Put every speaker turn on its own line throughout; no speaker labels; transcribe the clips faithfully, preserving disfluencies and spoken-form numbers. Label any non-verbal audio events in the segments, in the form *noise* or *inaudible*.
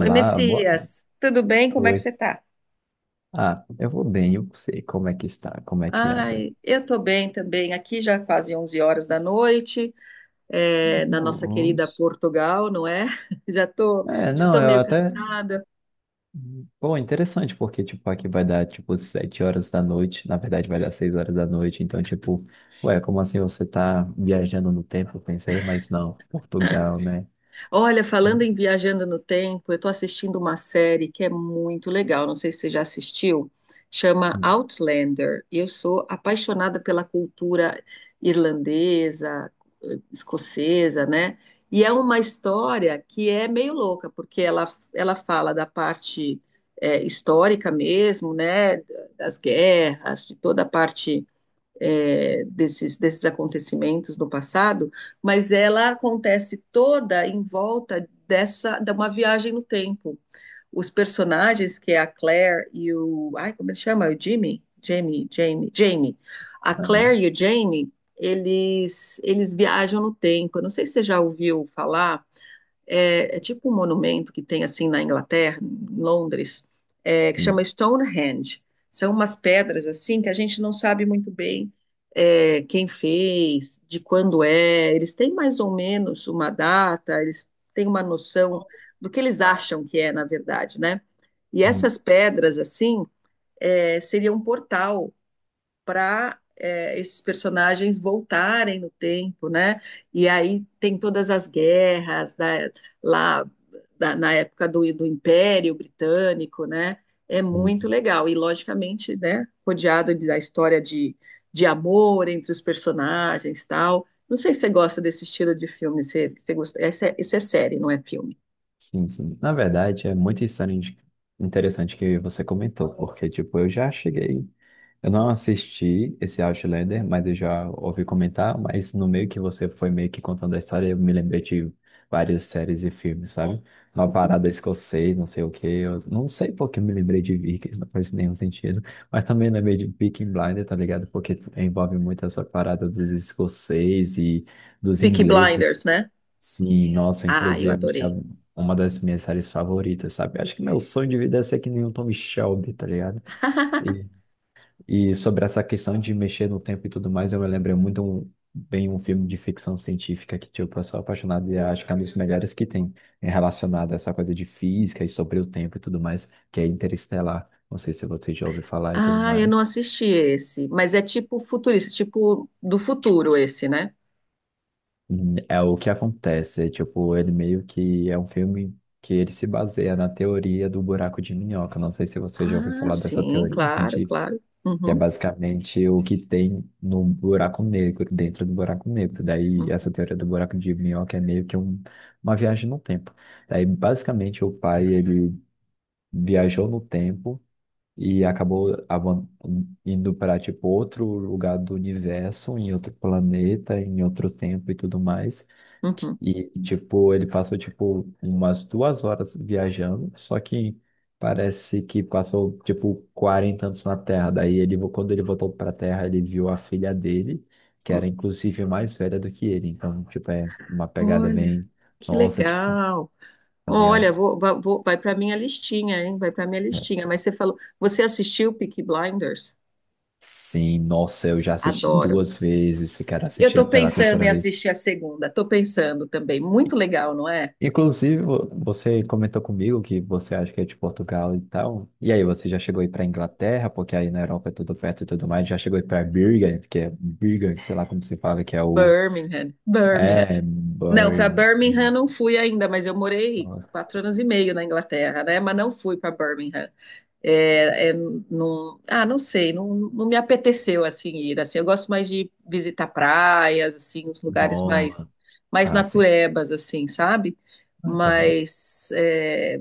Oi,
boa
Messias, tudo bem? Como é que você
noite.
tá?
Ah, eu vou bem, eu sei como é que está, como é que anda.
Ai, eu tô bem também. Aqui já quase onze horas da noite, é, na nossa querida
Nossa.
Portugal, não é? *laughs* Já tô,
É,
já
não,
tô
eu
meio
até.
cansada.
Pô, interessante, porque, tipo, aqui vai dar, tipo, sete horas da noite. Na verdade, vai dar seis horas da noite. Então, tipo, ué, como assim você tá viajando no tempo? Eu pensei, mas não, Portugal, né?
Olha, falando em Viajando no Tempo, eu estou assistindo uma série que é muito legal. Não sei se você já assistiu, chama
Hum,
Outlander. E eu sou apaixonada pela cultura irlandesa, eh, escocesa, né? E é uma história que é meio louca, porque ela, ela fala da parte eh, histórica mesmo, né? Das guerras, de toda a parte é, desses, desses acontecimentos no passado, mas ela acontece toda em volta dessa de uma viagem no tempo. Os personagens, que é a Claire e o. Ai, como ele chama? O Jimmy? Jamie, Jamie, Jamie. A
aham,
Claire e o Jamie, eles, eles viajam no tempo. Eu não sei se você já ouviu falar é, é tipo um monumento que tem assim na Inglaterra, em Londres, é, que chama
sim.
Stonehenge. São umas pedras assim que a gente não sabe muito bem é, quem fez, de quando é. Eles têm mais ou menos uma data, eles têm uma noção do que eles acham que é, na verdade, né? E
Hum,
essas pedras assim é, seria um portal para é, esses personagens voltarem no tempo, né? E aí tem todas as guerras da- lá da- na época do, do Império Britânico, né? É muito
hum,
legal. E, logicamente, né, rodeado de- da história de, de amor entre os personagens tal. Não sei se você gosta desse estilo de filme. Se, se gosta, essa, é- isso é série, não é filme.
sim, sim. Na verdade, é muito insano, interessante que você comentou, porque, tipo, eu já cheguei. Eu não assisti esse Outlander, mas eu já ouvi comentar, mas no meio que você foi meio que contando a história, eu me lembrei de várias séries e filmes, sabe? Uma parada escocês, não sei o quê, eu não sei porque eu me lembrei de Vikings, não faz nenhum sentido, mas também lembrei de Peaky Blinders, tá ligado? Porque envolve muito essa parada dos escoceses e dos
Peaky
ingleses.
Blinders, né?
Sim, nossa,
Ah, eu
inclusive acho que é
adorei.
uma das minhas séries favoritas, sabe? Acho que meu sonho de vida é ser que nem o Tom Shelby, tá ligado?
*laughs*
E sobre essa questão de mexer no tempo e tudo mais, eu me lembro muito um- bem um filme de ficção científica que, tipo, eu sou apaixonado e acho que é um dos melhores que tem é relacionado a essa coisa de física e sobre o tempo e tudo mais, que é Interestelar. Não sei se você já ouviu falar e tudo
Ah, eu não
mais.
assisti esse, mas é tipo futurista, tipo do futuro esse, né?
Hum, É o que acontece, é, tipo, ele meio que é um filme que ele se baseia na teoria do buraco de minhoca. Não sei se você já ouviu
Ah,
falar dessa
sim,
teoria
claro, claro.
que é
Uhum,
basicamente o que tem no buraco negro, dentro do buraco negro. Daí, essa
uhum,
teoria do buraco de minhoca é meio que um- uma viagem no tempo. Daí, basicamente, o pai, ele viajou no tempo e acabou avan- indo para tipo outro lugar do universo, em outro planeta, em outro tempo e tudo mais.
uhum,
E tipo, ele passou tipo umas duas horas viajando, só que parece que passou tipo quarenta anos na Terra. Daí ele, vo- quando ele voltou para a Terra, ele viu a filha dele, que era
uhum.
inclusive mais velha do que ele. Então, tipo, é uma pegada
Olha,
bem,
que
nossa, tipo,
legal.
tá
Olha,
ligado?
vou, va- vou- vai para minha listinha, hein? Vai para minha
É.
listinha. Mas você falou, você assistiu Peaky Blinders?
Sim, nossa, eu já assisti
Adoro.
duas vezes, eu quero
Eu estou
assistir pela
pensando
terceira
em
vez.
assistir a segunda. Estou pensando também. Muito legal, não é?
Inclusive, vo- você comentou comigo que você acha que é de Portugal e tal. E aí, você já chegou aí para Inglaterra, porque aí na Europa é tudo perto e tudo mais. Já chegou aí para Birmingham, que é Birmingham, sei lá como se fala, que é o.
Birmingham, Birmingham.
É,
Não, para
Birmingham.
Birmingham não fui ainda, mas eu morei quatro anos e meio na Inglaterra, né? Mas não fui para Birmingham. É, é, não, ah, não sei, não, não me apeteceu assim ir. Assim, eu gosto mais de visitar praias, assim, os lugares
Nossa,
mais mais
ah, sim,
naturebas, assim, sabe?
eu também.
Mas é,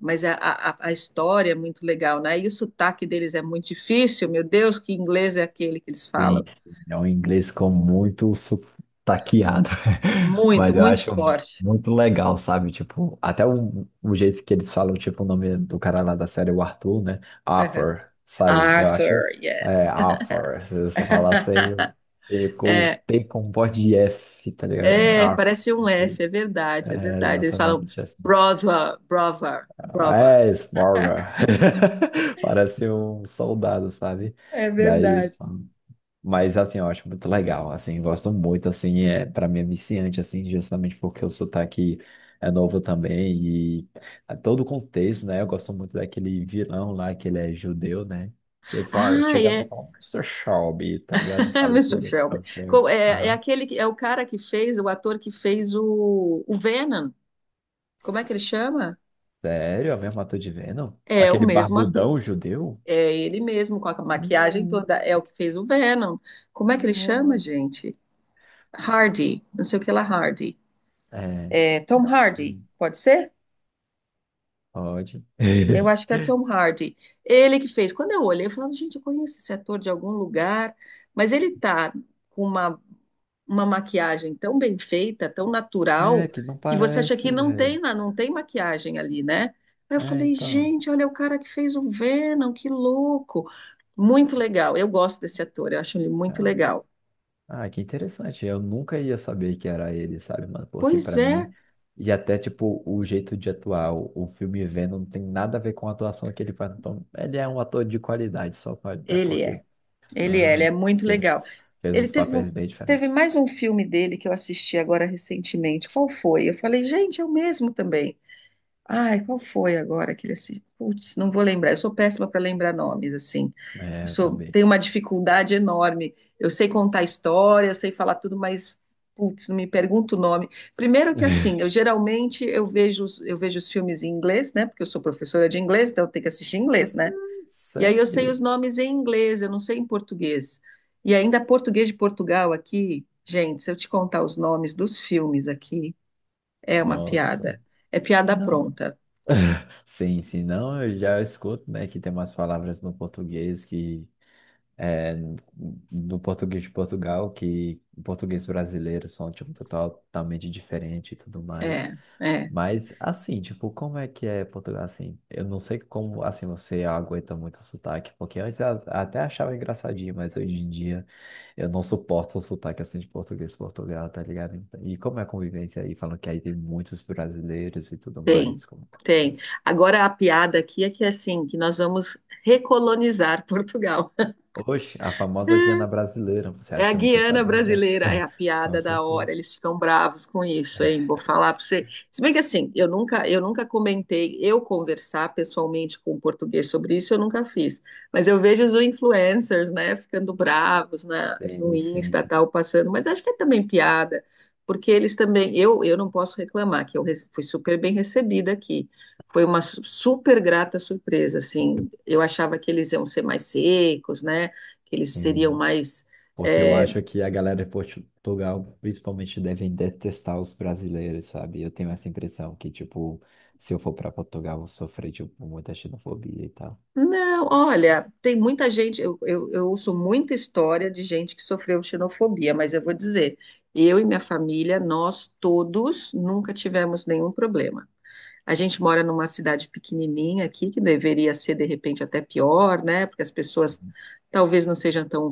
mas a, a, a história é muito legal, né? E o sotaque deles é muito difícil. Meu Deus, que inglês é aquele que eles
Sim,
falam?
é um inglês com muito sotaqueado, *laughs*
Muito,
mas eu
muito
acho
forte.
muito legal, sabe? Tipo, até o, o jeito que eles falam, tipo, o nome do cara lá da série, o Arthur, né?
Aham.
Arthur, sabe? Eu acho,
Arthur,
é,
yes.
Arthur, se eu só falar assim,
*laughs*
com T com voz de F, tá ligado?
É,
Arthur,
parece um F, é verdade, é
é
verdade. Eles falam
exatamente assim.
brother, brother, brother.
É, Sparta. *laughs* Parece um soldado, sabe?
É
Daí.
verdade.
Mas assim, eu acho muito legal, assim, gosto muito, assim, é, para mim é viciante, assim, justamente porque o sotaque é novo também e a todo o contexto, né? Eu gosto muito daquele vilão lá, que ele é judeu, né? Que fala,
Ah,
chega e
é.
fala, Mister Shelby, tá ligado?
*laughs*
Fala,
mister
entendeu?
Shelby.
Então, chega,
Co- É, é
aham.
aquele que é o cara que fez, o ator que fez o, o Venom. Como é que ele chama?
Sério? A mesma ator de Venom?
É o
Aquele
mesmo ator.
barbudão judeu?
É ele mesmo, com a maquiagem
Não,
toda. É o que fez o Venom. Como é que ele chama,
nossa.
gente? Hardy. Não sei o que lá, Hardy.
É,
É Tom
acho
Hardy.
que
Pode ser?
pode.
Eu acho que é
*laughs*
Tom Hardy. Ele que fez. Quando eu olhei, eu falava, gente, eu conheço esse ator de algum lugar, mas ele tá com uma, uma maquiagem tão bem feita, tão natural,
É, que não
que você acha
parece,
que não tem,
velho.
na- não tem maquiagem ali, né? Aí eu
É,
falei,
então.
gente, olha o cara que fez o Venom, que louco. Muito legal. Eu gosto desse ator, eu acho ele muito
Ah,
legal.
ah, que interessante. Eu nunca ia saber que era ele, sabe, mano? Porque
Pois
pra mim,
é,
e até tipo, o jeito de atuar, o, o filme Venom não tem nada a ver com a atuação que ele faz. Então, ele é um ator de qualidade, só pode, até
ele
porque
é. Ele é, ele é
aham,
muito
que ele
legal.
fez
Ele
uns
teve, um-
papéis bem
teve
diferentes.
mais um filme dele que eu assisti agora recentemente. Qual foi? Eu falei, gente, é o mesmo também. Ai, qual foi agora que ele assistiu? Putz, não vou lembrar. Eu sou péssima para lembrar nomes, assim. Eu
É, eu
sou,
também.
tenho uma dificuldade enorme. Eu sei contar história, eu sei falar tudo, mas, putz, não me pergunta o nome. Primeiro que,
*laughs*
assim, eu geralmente eu vejo, os- eu vejo os filmes em inglês, né? Porque eu sou professora de inglês, então eu tenho que assistir em
Ah,
inglês, né? E aí eu sei
sério?
os nomes em inglês, eu não sei em português. E ainda português de Portugal aqui, gente, se eu te contar os nomes dos filmes aqui, é uma
Nossa.
piada. É piada
Não.
pronta.
Sim, sim, não, eu já escuto, né, que tem umas palavras no português que é, do português de Portugal, que o português brasileiro são, tipo, totalmente diferente e tudo mais.
É, é,
Mas, assim, tipo, como é que é Portugal, assim? Eu não sei como, assim, você aguenta muito o sotaque, porque antes eu até achava engraçadinho, mas hoje em dia eu não suporto o sotaque, assim, de português de Portugal, tá ligado? Então, e como é a convivência aí? Falam que aí tem muitos brasileiros e tudo
tem,
mais, como que você...
tem. Agora a piada aqui é que assim, que nós vamos recolonizar Portugal.
Oxe, a famosa Guiana
*laughs*
brasileira, você
É
acha
a
que eu não tô
Guiana
sabendo, né?
brasileira, é a
*laughs* Com
piada da hora,
certeza.
eles ficam bravos com isso, hein? Vou falar para você. Se bem que assim, eu nunca, eu nunca comentei, eu conversar pessoalmente com o português sobre isso, eu nunca fiz. Mas eu vejo os influencers, né, ficando bravos na, no
Sim, sim,
Insta, tal, passando, mas acho que é também piada, porque eles também, eu, eu não posso reclamar, que eu re- fui super bem recebida aqui. Foi uma su- super grata surpresa, assim. Eu achava que eles iam ser mais secos, né? Que eles seriam
sim.
mais
Porque eu
é,
acho que a galera de Portugal, principalmente, devem detestar os brasileiros, sabe? Eu tenho essa impressão que, tipo, se eu for para Portugal, eu vou sofrer, tipo, muita xenofobia e tal.
não, olha, tem muita gente. Eu, eu, eu ouço muita história de gente que sofreu xenofobia, mas eu vou dizer, eu e minha família, nós todos nunca tivemos nenhum problema. A gente mora numa cidade pequenininha aqui, que deveria ser de repente até pior, né? Porque as pessoas talvez não sejam tão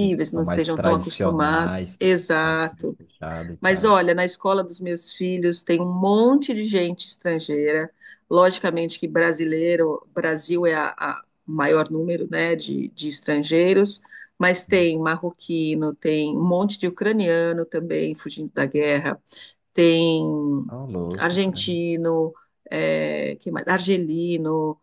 Sim,
não
são mais
estejam tão acostumados.
tradicionais, né? Mais
Exato.
fechado e
Mas
tal.
olha, na escola dos meus filhos tem um monte de gente estrangeira. Logicamente que brasileiro, Brasil é a, a maior número, né, de, de estrangeiros, mas tem marroquino, tem um monte de ucraniano também fugindo da guerra, tem
Ah, louco, Ucrânia.
argentino, é, que mais? Argelino,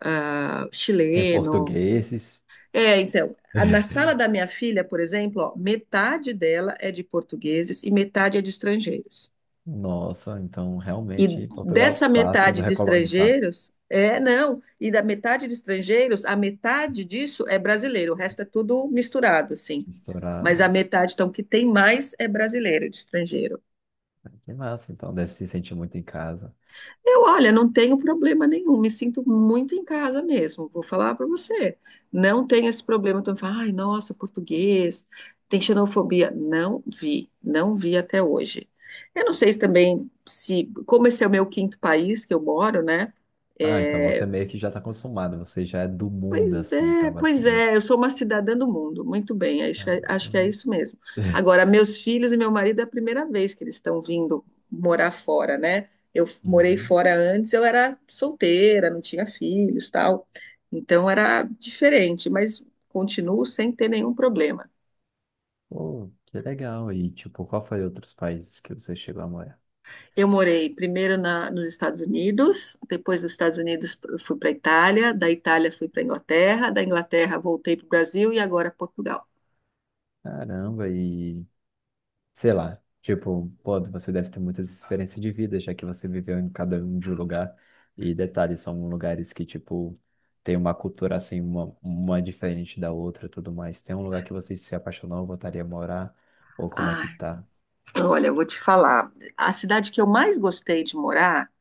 ah,
Tem
chileno.
portugueses.
É, então, a- na
*laughs*
sala da minha filha, por exemplo, ó, metade dela é de portugueses e metade é de estrangeiros.
Nossa, então
E
realmente Portugal
dessa
tá sendo
metade de
recolonizado,
estrangeiros, é, não, e da metade de estrangeiros, a metade disso é brasileiro, o resto é tudo misturado, assim. Mas
misturado.
a metade, então, que tem mais é brasileiro, de estrangeiro.
Que massa, então deve se sentir muito em casa.
Eu, olha, não tenho problema nenhum, me sinto muito em casa mesmo, vou falar para você. Não tenho esse problema, então, fala, ai, nossa, português, tem xenofobia. Não vi, não vi até hoje. Eu não sei se também, se, como esse é o meu quinto país que eu moro, né?
Ah, então
é,
você meio que já tá acostumado, você já é do mundo,
pois
assim,
é,
então,
pois
basicamente.
é, eu sou uma cidadã do mundo, muito bem, acho que
Ah,
é, acho que é
eu-
isso mesmo.
*laughs*
Agora, meus filhos e meu marido é a primeira vez que eles estão vindo morar fora, né? Eu f- morei
Uhum.
fora antes, eu era solteira, não tinha filhos, tal, então era diferente, mas continuo sem ter nenhum problema.
Pô, que legal. E, tipo, qual foi outros países que você chegou a morar?
Eu morei primeiro na, nos Estados Unidos, depois dos Estados Unidos eu fui para a Itália, da Itália fui para a Inglaterra, da Inglaterra voltei para o Brasil e agora Portugal.
Caramba, e sei lá, tipo, pô, você deve ter muitas experiências de vida, já que você viveu em cada um de um lugar. E detalhes são lugares que, tipo, tem uma cultura assim, uma, uma diferente da outra e tudo mais. Tem um lugar que você se apaixonou, voltaria a morar? Ou como é
Ah,
que tá?
olha, eu vou te falar. A cidade que eu mais gostei de morar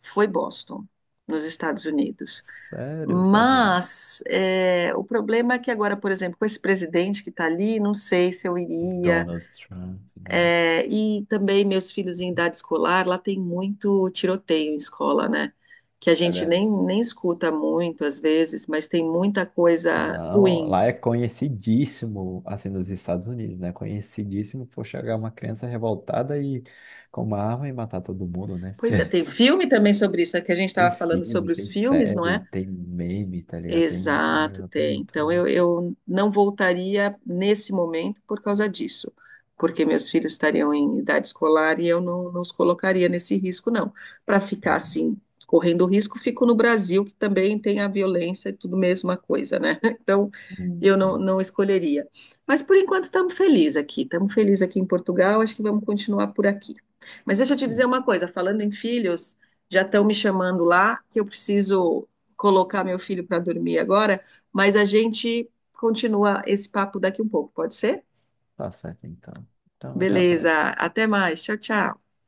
foi Boston, nos Estados Unidos.
Sério, os Estados Unidos.
Mas é, o problema é que agora, por exemplo, com esse presidente que está ali, não sei se eu
O
iria.
Donald Trump, né?
É, e também meus filhos em idade escolar, lá tem muito tiroteio em escola, né? Que a
É
gente
verdade.
nem, nem escuta muito às vezes, mas tem muita coisa
Não,
ruim.
lá é conhecidíssimo, assim, nos Estados Unidos, né? Conhecidíssimo por chegar uma criança revoltada e com uma arma e matar todo mundo, né?
Pois é, tem
*laughs*
filme também sobre isso, é que a gente
Tem
estava falando
filme,
sobre os
tem
filmes, não
série,
é?
tem meme, tá ligado? Tem
Exato,
é,
tem. Então
tudo.
eu, eu não voltaria nesse momento por causa disso, porque meus filhos estariam em idade escolar e eu não, não os colocaria nesse risco, não. Para ficar
Uhum.
assim, correndo risco, fico no Brasil, que também tem a violência e tudo mesma coisa, né? *laughs* Então
Hum.
eu não,
Sim,
não escolheria. Mas por enquanto estamos felizes aqui, estamos felizes aqui em Portugal, acho que vamos continuar por aqui. Mas deixa eu te dizer uma coisa, falando em filhos, já estão me chamando lá que eu preciso colocar meu filho para dormir agora, mas a gente continua esse papo daqui um pouco, pode ser?
tá certo então. Então, até a
Beleza,
próxima.
até mais. Tchau, tchau.